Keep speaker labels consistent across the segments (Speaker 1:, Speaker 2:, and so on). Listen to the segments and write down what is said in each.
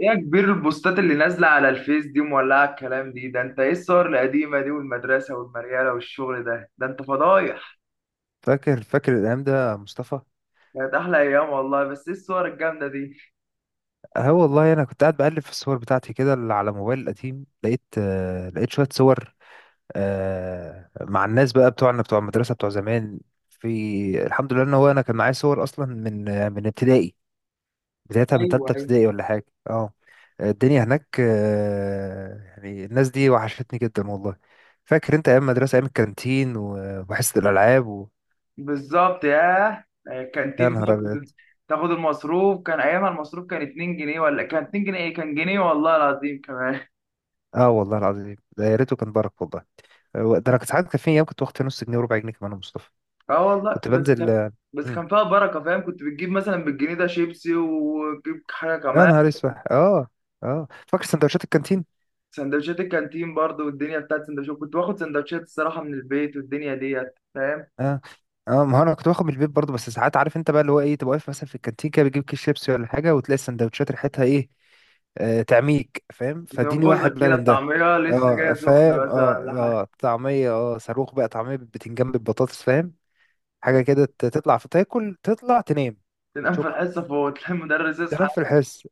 Speaker 1: ايه يا كبير؟ البوستات اللي نازلة على الفيس دي مولعة الكلام دي، ده انت ايه الصور القديمة دي والمدرسة والمريالة والشغل؟ ده انت فضايح.
Speaker 2: فاكر الأيام ده يا مصطفى.
Speaker 1: كانت احلى ايام والله، بس ايه الصور الجامدة دي؟
Speaker 2: اه والله، أنا كنت قاعد بقلب في الصور بتاعتي كده اللي على موبايل القديم، لقيت شوية صور، آه، مع الناس بقى بتوعنا، بتوع المدرسة بتوع زمان. في الحمد لله إن هو أنا كان معايا صور أصلا، من ابتدائي، بدايتها من
Speaker 1: ايوه،
Speaker 2: تالتة
Speaker 1: ايوه.
Speaker 2: ابتدائي ولا حاجة، اه. الدنيا هناك، يعني الناس دي وحشتني جدا والله. فاكر أنت أيام مدرسة، أيام الكانتين و- وحصة الألعاب
Speaker 1: بالظبط، ياه.
Speaker 2: يا
Speaker 1: كانتين بقى،
Speaker 2: نهار أبيض.
Speaker 1: كنت تاخد المصروف، كان ايامها المصروف كان 2 جنيه، ولا كان 2 جنيه، ايه كان جنيه والله العظيم كمان.
Speaker 2: اه والله العظيم، ده يا ريته كان بارك والله. هو ده انا كنت ساعات كان في ايام كنت واخد فيها نص جنيه وربع جنيه كمان يا مصطفى.
Speaker 1: اه والله،
Speaker 2: كنت
Speaker 1: بس
Speaker 2: بنزل.
Speaker 1: كان بس
Speaker 2: مم.
Speaker 1: كان فيها بركة، فاهم؟ كنت بتجيب مثلا بالجنيه ده شيبسي وتجيب حاجة
Speaker 2: يا
Speaker 1: كمان.
Speaker 2: نهار اسود، اه. اه فاكر سندوتشات الكانتين.
Speaker 1: سندوتشات الكانتين برضو، والدنيا بتاعت سندوتشات، كنت باخد سندوتشات الصراحة من البيت والدنيا ديت، فاهم.
Speaker 2: اه، اه ما هو انا كنت باخد من البيت برضه، بس ساعات عارف انت بقى اللي هو ايه، تبقى واقف مثلا في الكانتين كده بتجيب كيس شيبسي ولا حاجه، وتلاقي السندوتشات ريحتها ايه، آه تعميك فاهم، فاديني واحد
Speaker 1: بتنغزك
Speaker 2: بقى
Speaker 1: كده،
Speaker 2: من ده.
Speaker 1: الطعمية لسه جاية
Speaker 2: اه
Speaker 1: سخنة
Speaker 2: فاهم، اه.
Speaker 1: مثلا ولا حاجة.
Speaker 2: اه طعميه، اه صاروخ بقى، طعميه بالبتنجان بالبطاطس فاهم، حاجه كده، ت- تطلع في تاكل تطلع تنام.
Speaker 1: تنام في
Speaker 2: شكرا.
Speaker 1: الحصة، فوق تلاقي المدرس يصحى.
Speaker 2: تنام في الحس.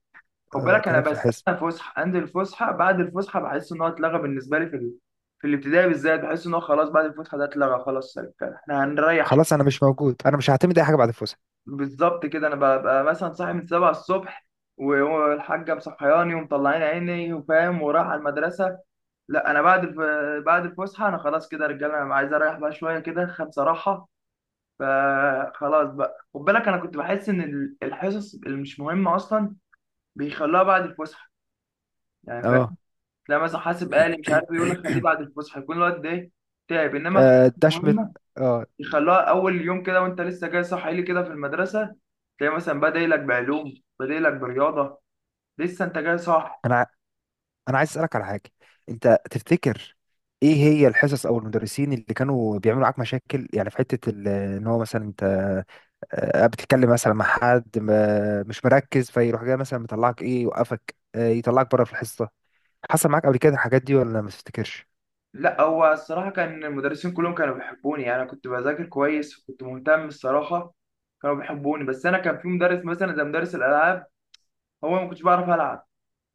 Speaker 1: خد
Speaker 2: اه
Speaker 1: بالك، أنا
Speaker 2: تنام في الحس.
Speaker 1: بستنى فسحة، عندي الفسحة، بعد الفسحة بحس إن هو اتلغى بالنسبة لي في الابتدائي بالذات، بحس إن هو خلاص بعد الفسحة ده اتلغى، خلاص كده إحنا هنريح شوية.
Speaker 2: خلاص انا مش موجود، انا مش هعتمد اي حاجه بعد الفسحه.
Speaker 1: بالظبط كده، أنا ببقى مثلا صاحي من 7 الصبح، والحاجة مصحياني ومطلعين عيني وفاهم ورايح على المدرسة. لا، انا بعد الفسحه انا خلاص كده يا رجاله، انا عايز اريح بقى شويه كده، خد صراحه. فخلاص بقى، خد بالك، انا كنت بحس ان الحصص اللي مش مهمه اصلا بيخلوها بعد الفسحه، يعني فاهم.
Speaker 2: اه.
Speaker 1: تلاقي مثلا حاسب آلي مش عارف إيه، يقول لك خليه بعد الفسحه، يكون الوقت ده إيه؟ تعب، انما الحصص
Speaker 2: ده شمل.
Speaker 1: المهمه
Speaker 2: اه.
Speaker 1: يخلوها اول يوم كده وانت لسه جاي صاحي لي كده في المدرسه. تلاقي مثلا بادئ لك بعلوم، بادئ لك برياضه، لسه انت جاي صاحي.
Speaker 2: انا ع- انا عايز اسالك على حاجه. انت تفتكر ايه هي الحصص او المدرسين اللي كانوا بيعملوا معاك مشاكل، يعني في حته ان هو مثلا انت، بتتكلم مثلا مع حد مش مركز، فيروح جاي مثلا مطلعك ايه، يوقفك، يطلعك بره في الحصه. حصل معاك قبل كده الحاجات دي ولا ما تفتكرش؟
Speaker 1: لا هو الصراحة كان المدرسين كلهم كانوا بيحبوني، يعني أنا كنت بذاكر كويس وكنت مهتم الصراحة، كانوا بيحبوني، بس أنا كان في مدرس مثلا زي مدرس الألعاب، هو ما كنتش بعرف ألعب،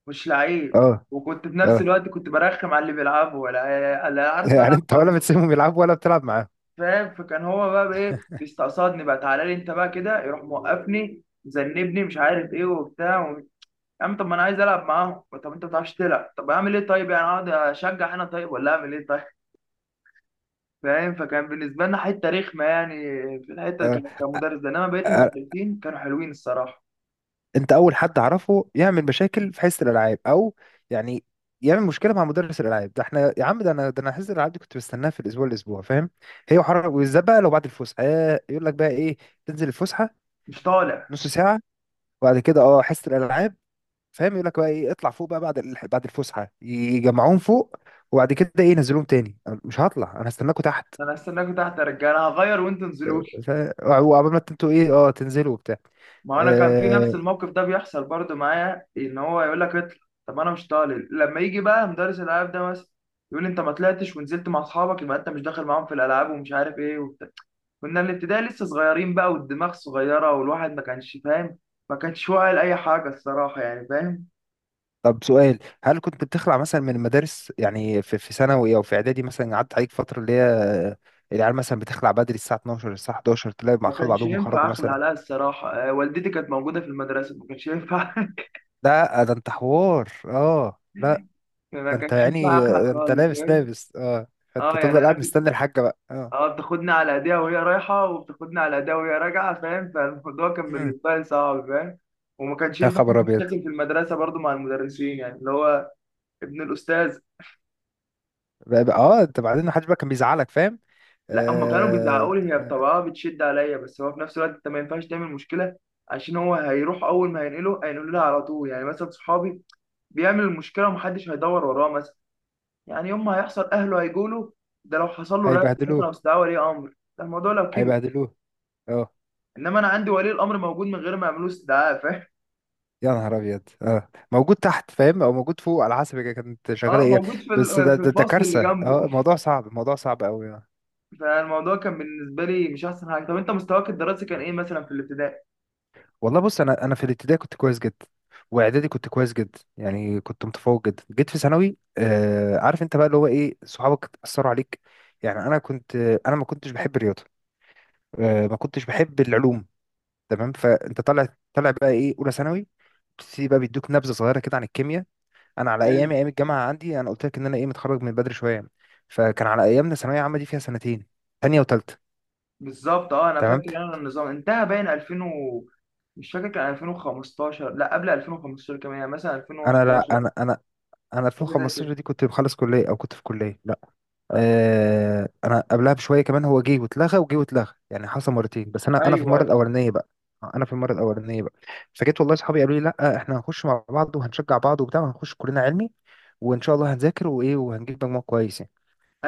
Speaker 1: مش لعيب،
Speaker 2: اه،
Speaker 1: وكنت في نفس
Speaker 2: اه.
Speaker 1: الوقت كنت برخم على اللي بيلعبوا، ولا لا عارف
Speaker 2: يعني
Speaker 1: ألعب
Speaker 2: انت ولا بتسيبهم يلعبوا ولا بتلعب معاهم؟
Speaker 1: فاهم. فكان هو بقى بإيه، بيستقصدني بقى، تعالى لي أنت بقى كده، يروح موقفني، مذنبني، مش عارف إيه وبتاع يا عم، طب ما أنا عايز ألعب معاهم، طب أنت ما بتعرفش تلعب، طب أعمل إيه طيب؟ يعني أقعد أشجع أنا طيب، ولا أعمل إيه طيب؟" فاهم. فكان بالنسبة لنا حتة رخمة يعني، في الحتة
Speaker 2: اه.
Speaker 1: كمدرس ده، انما بقية
Speaker 2: آه،
Speaker 1: المدرسين كانوا حلوين الصراحة.
Speaker 2: انت اول حد اعرفه يعمل مشاكل في حصه الالعاب او، يعني، يعمل مشكله مع مدرس الالعاب ده. احنا يا عم، ده انا، ده انا حصه الالعاب دي كنت بستناها في الاسبوع، الاسبوع فاهم، هي وحر، وبالذات بقى لو بعد الفسحه، يقول لك بقى ايه، تنزل الفسحه
Speaker 1: مش طالع،
Speaker 2: نص ساعه، وبعد كده اه حصه الالعاب فاهم، يقول لك بقى ايه، اطلع فوق بقى بعد بعد الفسحه يجمعوهم فوق، وبعد كده ايه، ينزلوهم تاني. أنا مش هطلع، انا هستناكم تحت.
Speaker 1: انا هستناكوا تحت يا رجالة، انا هغير وانتوا انزلولي.
Speaker 2: ف- وعقبال ما انتوا ايه اه تنزلوا وبتاع.
Speaker 1: ما انا كان في نفس
Speaker 2: آه،
Speaker 1: الموقف ده بيحصل برضو معايا، ان هو يقول لك اطلع، طب انا مش طالع، لما يجي بقى مدرس الالعاب ده مثلا يقول لي انت ما طلعتش ونزلت مع اصحابك، يبقى انت مش داخل معاهم في الالعاب، ومش عارف ايه وبتاع. كنا الابتدائي لسه صغيرين بقى، والدماغ صغيرة والواحد ما كانش فاهم، ما كانش واعي لاي حاجة الصراحة، يعني فاهم.
Speaker 2: طب سؤال، هل كنت بتخلع مثلا من المدارس، يعني في في ثانوي او في اعدادي مثلا، قعدت عليك فتره اللي هي، العيال مثلا بتخلع بدري، الساعه 12 الساعه 11، تلاقي مع
Speaker 1: ما
Speaker 2: خلوا
Speaker 1: كانش
Speaker 2: بعضهم
Speaker 1: ينفع
Speaker 2: وخرجوا
Speaker 1: اخلع
Speaker 2: مثلا.
Speaker 1: عليها الصراحه، والدتي كانت موجوده في المدرسه، ما كانش ينفع
Speaker 2: لا ده انت حوار، اه لا.
Speaker 1: ما
Speaker 2: ده انت
Speaker 1: كانش ينفع
Speaker 2: يعني،
Speaker 1: اخلع
Speaker 2: ده انت
Speaker 1: خالص،
Speaker 2: لابس،
Speaker 1: فاهم.
Speaker 2: لابس، اه، فانت
Speaker 1: اه يعني
Speaker 2: تفضل
Speaker 1: انا
Speaker 2: قاعد
Speaker 1: كنت،
Speaker 2: مستني الحاجه بقى، اه.
Speaker 1: اه بتاخدني على ايديها وهي رايحه، وبتاخدني على ايديها وهي راجعه، فاهم. فالموضوع كان
Speaker 2: مم.
Speaker 1: بالنسبه لي صعب، فاهم. وما كانش
Speaker 2: يا
Speaker 1: ينفع
Speaker 2: خبر
Speaker 1: اعمل
Speaker 2: ابيض.
Speaker 1: مشاكل في المدرسه برضو مع المدرسين، يعني اللي هو ابن الاستاذ.
Speaker 2: اه انت بعدين محدش بقى كان بيزعلك فاهم.
Speaker 1: لا، هم كانوا
Speaker 2: آه.
Speaker 1: بيزعقوا لي، هي بطبعها بتشد عليا، بس هو في نفس الوقت انت ما ينفعش تعمل مشكله، عشان هو هيروح، اول ما هينقله هينقله لها على طول، يعني مثلا صحابي بيعمل المشكله ومحدش هيدور وراه مثلا، يعني يوم ما هيحصل اهله هيجوا له، ده لو حصل له رفض مثلا
Speaker 2: هيبهدلوه،
Speaker 1: او استدعاء ولي امر، ده الموضوع لو كبر.
Speaker 2: هيبهدلوه، اه.
Speaker 1: انما انا عندي ولي الامر موجود من غير ما يعملوا استدعاء، فاهم.
Speaker 2: يا نهار ابيض، اه، موجود تحت فاهم او موجود فوق على حسب هي كانت شغاله
Speaker 1: اه
Speaker 2: ايه.
Speaker 1: موجود في
Speaker 2: بس ده
Speaker 1: في
Speaker 2: ده
Speaker 1: الفصل اللي
Speaker 2: كارثه،
Speaker 1: جنبه.
Speaker 2: اه، الموضوع صعب، الموضوع صعب قوي.
Speaker 1: فالموضوع كان بالنسبه لي مش احسن حاجه، طب انت مستواك الدراسي كان ايه مثلا في الابتدائي؟
Speaker 2: والله بص، انا في الابتدائي كنت كويس جدا، واعدادي كنت كويس جدا، يعني كنت متفوق جدا. جيت في ثانوي، آه عارف انت بقى اللي هو ايه، صحابك اثروا عليك، يعني انا كنت، انا ما كنتش بحب الرياضه، آه ما كنتش بحب العلوم، تمام. فانت طالع، طالع بقى ايه اولى ثانوي، بتبتدي بقى بيدوك نبذه صغيره كده عن الكيمياء. انا على
Speaker 1: حلو.
Speaker 2: ايامي، ايام الجامعه عندي، انا قلت لك ان انا ايه، متخرج من بدري شويه. فكان على ايامنا ثانويه عامه دي فيها سنتين، تانية وتالتة،
Speaker 1: بالظبط، اه انا
Speaker 2: تمام.
Speaker 1: فاكر انا النظام انتهى باين 2000 مش فاكر، كان 2015، لا قبل 2015 كمان يعني، مثلا
Speaker 2: انا لا
Speaker 1: 2011،
Speaker 2: انا انا انا
Speaker 1: حاجه زي
Speaker 2: 2015
Speaker 1: كده.
Speaker 2: دي كنت بخلص كليه او كنت في كليه، لا، آه انا قبلها بشويه كمان. هو جه واتلغى وجه واتلغى، يعني حصل مرتين، بس انا في المره
Speaker 1: ايوه،
Speaker 2: الاولانيه بقى، انا في المره الاولانيه بقى، فجيت، والله صحابي قالوا لي لا احنا هنخش مع بعض وهنشجع بعض وبتاع، وهنخش كلنا علمي، وان شاء الله هنذاكر وايه وهنجيب مجموع كويس يعني.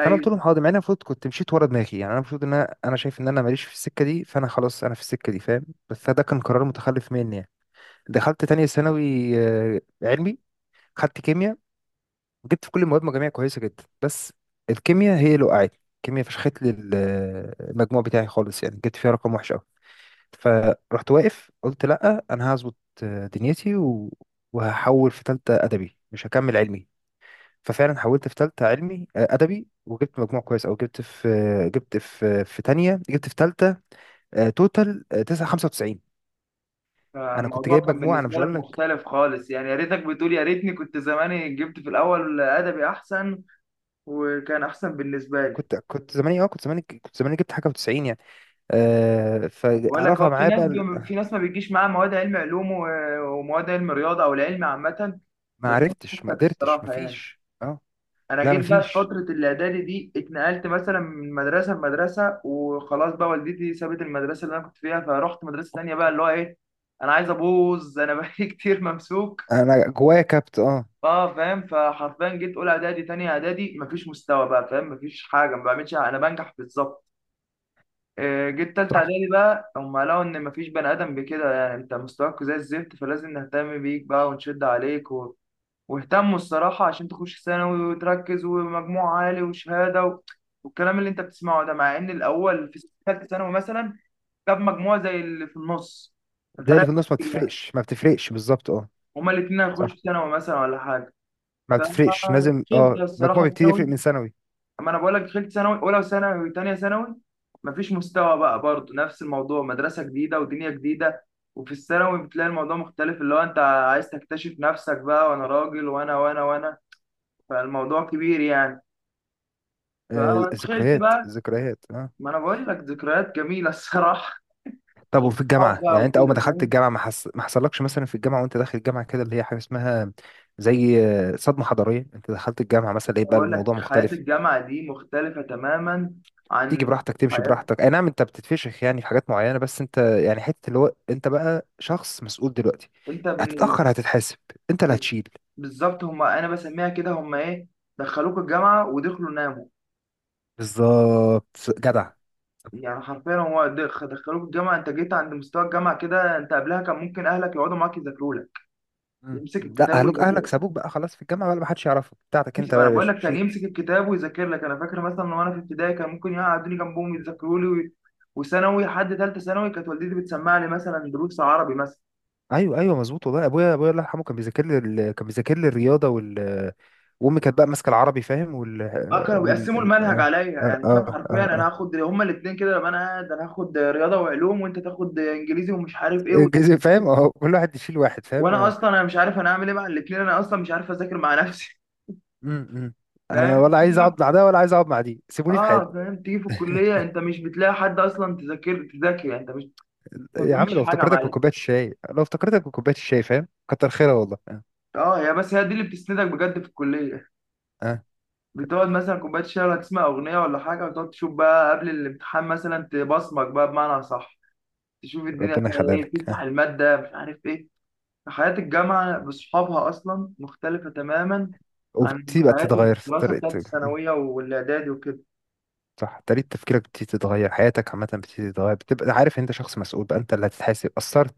Speaker 2: فانا قلت لهم حاضر، مع اني المفروض كنت مشيت ورا دماغي، يعني انا المفروض ان انا شايف ان انا ماليش في السكه دي. فانا خلاص انا في السكه دي فاهم، بس ده كان قرار متخلف مني يعني. دخلت تانية ثانوي، علمي، خدت كيمياء، جبت في كل المواد مجاميع كويسه جدا، بس الكيمياء هي اللي وقعتني. الكيمياء فشخت لي المجموع بتاعي خالص، يعني جبت فيها رقم وحش قوي. فرحت واقف قلت لا انا هظبط، دنيتي وهحول في تالتة ادبي، مش هكمل علمي. ففعلا حولت في تالتة علمي، أدبي، وجبت مجموع كويس، أو جبت في، جبت في في تانية، جبت في تالتة، توتال، تسعة خمسة وتسعين. أنا كنت
Speaker 1: الموضوع
Speaker 2: جايب
Speaker 1: كان
Speaker 2: مجموع أنا مش
Speaker 1: بالنسبة لك
Speaker 2: هقول لك،
Speaker 1: مختلف خالص يعني، يا ريتك بتقول يا ريتني كنت زماني جبت في الأول أدبي أحسن، وكان أحسن بالنسبة لي.
Speaker 2: كنت، كنت زماني أه كنت زماني كنت زماني جبت حاجة وتسعين يعني، أه.
Speaker 1: بقول لك،
Speaker 2: فرفع
Speaker 1: هو في
Speaker 2: معايا
Speaker 1: ناس
Speaker 2: بقى
Speaker 1: في ناس ما بيجيش معاها مواد علم علوم ومواد علم رياضة أو العلم عامة.
Speaker 2: ما
Speaker 1: بس أنا
Speaker 2: عرفتش، ما
Speaker 1: شفتك
Speaker 2: قدرتش، ما
Speaker 1: الصراحة يعني،
Speaker 2: فيش، أه.
Speaker 1: أنا
Speaker 2: لا ما
Speaker 1: جيت بقى في
Speaker 2: فيش،
Speaker 1: فترة الإعدادي دي اتنقلت مثلا من مدرسة لمدرسة، وخلاص بقى والدتي سابت المدرسة اللي أنا كنت فيها، فرحت مدرسة تانية بقى، اللي هو إيه، أنا عايز أبوظ، أنا بقالي كتير ممسوك.
Speaker 2: أنا جوايا كبت، أه.
Speaker 1: اه فاهم، فحرفيا جيت اولى اعدادي تانية اعدادي، مفيش مستوى بقى، فاهم، مفيش حاجه، ما بعملش، انا بنجح بالظبط. آه، جيت تالتة
Speaker 2: صح.
Speaker 1: اعدادي بقى، هم لقوا ان مفيش بني ادم بكده، يعني انت مستواك زي الزفت، فلازم نهتم بيك بقى ونشد عليك واهتموا الصراحه عشان تخش ثانوي وتركز، ومجموع عالي وشهاده والكلام اللي انت بتسمعه ده، مع ان الاول في ثالثه ثانوي مثلا جاب مجموع زي اللي في النص،
Speaker 2: ده
Speaker 1: ففرق
Speaker 2: اللي في النص ما
Speaker 1: كتير يعني،
Speaker 2: بتفرقش، ما بتفرقش بالظبط، أه.
Speaker 1: هما الاتنين هيخشوا
Speaker 2: صح،
Speaker 1: ثانوي مثلا ولا حاجه.
Speaker 2: ما بتفرقش، لازم
Speaker 1: فشلت
Speaker 2: أه
Speaker 1: الصراحه
Speaker 2: المجموع بيبتدي
Speaker 1: الثانوي،
Speaker 2: يفرق من ثانوي.
Speaker 1: اما انا بقول لك دخلت ثانوي، اولى ثانوي وثانيه ثانوي مفيش مستوى بقى برضه، نفس الموضوع، مدرسه جديده ودنيا جديده، وفي الثانوي بتلاقي الموضوع مختلف، اللي هو انت عايز تكتشف نفسك بقى، وانا راجل وانا وانا وانا، فالموضوع كبير يعني.
Speaker 2: آه،
Speaker 1: فدخلت
Speaker 2: ذكريات،
Speaker 1: بقى،
Speaker 2: ذكريات، اه.
Speaker 1: ما انا بقول لك ذكريات جميله الصراحه،
Speaker 2: طب وفي
Speaker 1: وصحاب
Speaker 2: الجامعة،
Speaker 1: بقى
Speaker 2: يعني انت اول ما
Speaker 1: وكده
Speaker 2: دخلت
Speaker 1: فاهم.
Speaker 2: الجامعة ما حصلكش مثلا في الجامعة، وانت داخل الجامعة كده، اللي هي حاجة اسمها زي، صدمة حضارية، انت دخلت الجامعة مثلا ايه
Speaker 1: أنا
Speaker 2: بقى
Speaker 1: بقول لك
Speaker 2: الموضوع
Speaker 1: حياه
Speaker 2: مختلف؟
Speaker 1: الجامعه دي مختلفه تماما
Speaker 2: تيجي
Speaker 1: عن
Speaker 2: براحتك، تمشي
Speaker 1: حياه،
Speaker 2: براحتك، اي نعم انت بتتفشخ يعني في حاجات معينة، بس انت يعني، حتة اللي هو انت بقى شخص مسؤول دلوقتي،
Speaker 1: انت بالن-
Speaker 2: هتتأخر هتتحاسب، انت اللي هتشيل.
Speaker 1: بالظبط، هم انا بسميها كده، هم ايه، دخلوك الجامعه ودخلوا ناموا،
Speaker 2: بالظبط جدع.
Speaker 1: يعني حرفيا هو دخلوك الجامعه، انت جيت عند مستوى الجامعه كده، انت قبلها كان ممكن اهلك يقعدوا معاك يذاكروا لك،
Speaker 2: مم.
Speaker 1: يمسك
Speaker 2: لا،
Speaker 1: الكتاب
Speaker 2: اهلك
Speaker 1: ويذاكر،
Speaker 2: سابوك بقى خلاص، في الجامعة بقى ما حدش يعرفك، بتاعتك انت بقى
Speaker 1: انا
Speaker 2: يا
Speaker 1: بقول
Speaker 2: باشا،
Speaker 1: لك كان
Speaker 2: شيل.
Speaker 1: يمسك الكتاب ويذاكر لك. انا فاكر مثلا وانا في ابتدائي كان ممكن يقعدوني جنبهم يذاكروا لي وثانوي لحد ثالثه ثانوي، كانت والدتي بتسمع لي مثلا دروس عربي مثلا.
Speaker 2: ايوه ايوه، مظبوط والله. ابويا الله يرحمه كان بيذاكر لي كان بيذاكر لي الرياضه وامي كانت بقى ماسكه العربي فاهم وال
Speaker 1: اه كانوا
Speaker 2: وال
Speaker 1: بيقسموا
Speaker 2: ال-
Speaker 1: المنهج
Speaker 2: اه
Speaker 1: عليا،
Speaker 2: اه
Speaker 1: يعني فاهم،
Speaker 2: اه
Speaker 1: حرفيا
Speaker 2: اه
Speaker 1: انا
Speaker 2: آه.
Speaker 1: هاخد هما الاثنين كده، لما انا قاعد انا هاخد رياضه وعلوم وانت تاخد انجليزي ومش عارف ايه
Speaker 2: الإنجليزي، فاهم، اه، كل واحد يشيل واحد فاهم،
Speaker 1: وانا
Speaker 2: اه.
Speaker 1: اصلا انا مش عارف انا اعمل ايه مع الاثنين، انا اصلا مش عارف اذاكر مع نفسي،
Speaker 2: أمم، أمم. انا
Speaker 1: فاهم.
Speaker 2: ولا عايز اقعد مع ده ولا عايز اقعد مع دي، سيبوني في حالي.
Speaker 1: اه فاهم، تيجي في الكليه انت مش بتلاقي حد اصلا، تذاكر تذاكر يعني، انت مش انت، ما
Speaker 2: يا عم،
Speaker 1: بتعملش حاجه يا معلم.
Speaker 2: لو افتكرتك بكوبايه الشاي فاهم، كتر خيرها والله، اه.
Speaker 1: اه هي، بس هي دي اللي بتسندك بجد في الكليه،
Speaker 2: آه.
Speaker 1: بتقعد مثلا كوبايه شاي ولا تسمع اغنيه ولا حاجه، وتقعد تشوف بقى قبل الامتحان مثلا تبصمج بقى بمعنى صح، تشوف الدنيا
Speaker 2: ربنا
Speaker 1: فيها
Speaker 2: يخليها
Speaker 1: ايه،
Speaker 2: لك،
Speaker 1: تفتح
Speaker 2: اه.
Speaker 1: الماده مش عارف ايه. حياه الجامعه بصحابها اصلا مختلفه تماما عن
Speaker 2: وبتبقى
Speaker 1: حياه
Speaker 2: تتغير في
Speaker 1: الدراسه بتاعت
Speaker 2: طريقتك.
Speaker 1: الثانويه والاعدادي وكده.
Speaker 2: صح، طريقة تفكيرك بتبتدي تتغير، حياتك عامة بتبتدي تتغير، بتبقى عارف إن انت شخص مسؤول بقى، انت اللي هتتحاسب، قصرت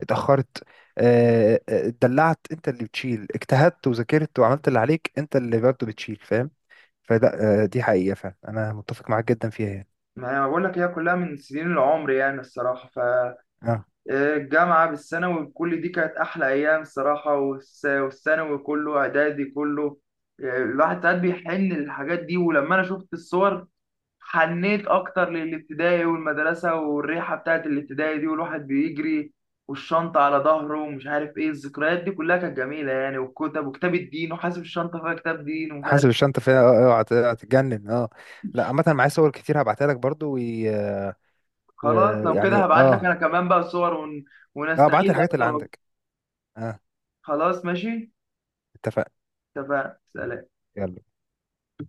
Speaker 2: اتأخرت، اتدلعت انت اللي بتشيل، اجتهدت وذاكرت وعملت اللي عليك انت اللي برضه بتشيل فاهم. فلا، دي حقيقة فعلا انا متفق معاك جدا فيها يعني،
Speaker 1: ما أنا بقول لك هي كلها من سنين العمر يعني الصراحه،
Speaker 2: اه.
Speaker 1: الجامعة بالثانوي كل دي كانت أحلى أيام الصراحة، والثانوي كله إعدادي كله، يعني الواحد ساعات بيحن للحاجات دي، ولما أنا شفت الصور حنيت أكتر للابتدائي والمدرسة والريحة بتاعت الابتدائي دي، والواحد بيجري والشنطة على ظهره، ومش عارف إيه، الذكريات دي كلها كانت جميلة يعني، والكتب وكتاب الدين وحاسب الشنطة فيها كتاب دين ومش عارف.
Speaker 2: حاسب الشنطة فيها، اه، هتتجنن، اه. لا عامة معايا صور كتير هبعتها لك برضه ويعني، اه.
Speaker 1: خلاص لو كده،
Speaker 2: ويعني،
Speaker 1: هبعت لك
Speaker 2: اه
Speaker 1: أنا كمان بقى صور
Speaker 2: اه ابعت لي
Speaker 1: ونستعيد
Speaker 2: الحاجات اللي
Speaker 1: أكتر.
Speaker 2: عندك، اه.
Speaker 1: خلاص ماشي،
Speaker 2: اتفقنا.
Speaker 1: اتفقنا، سلام.
Speaker 2: يلا.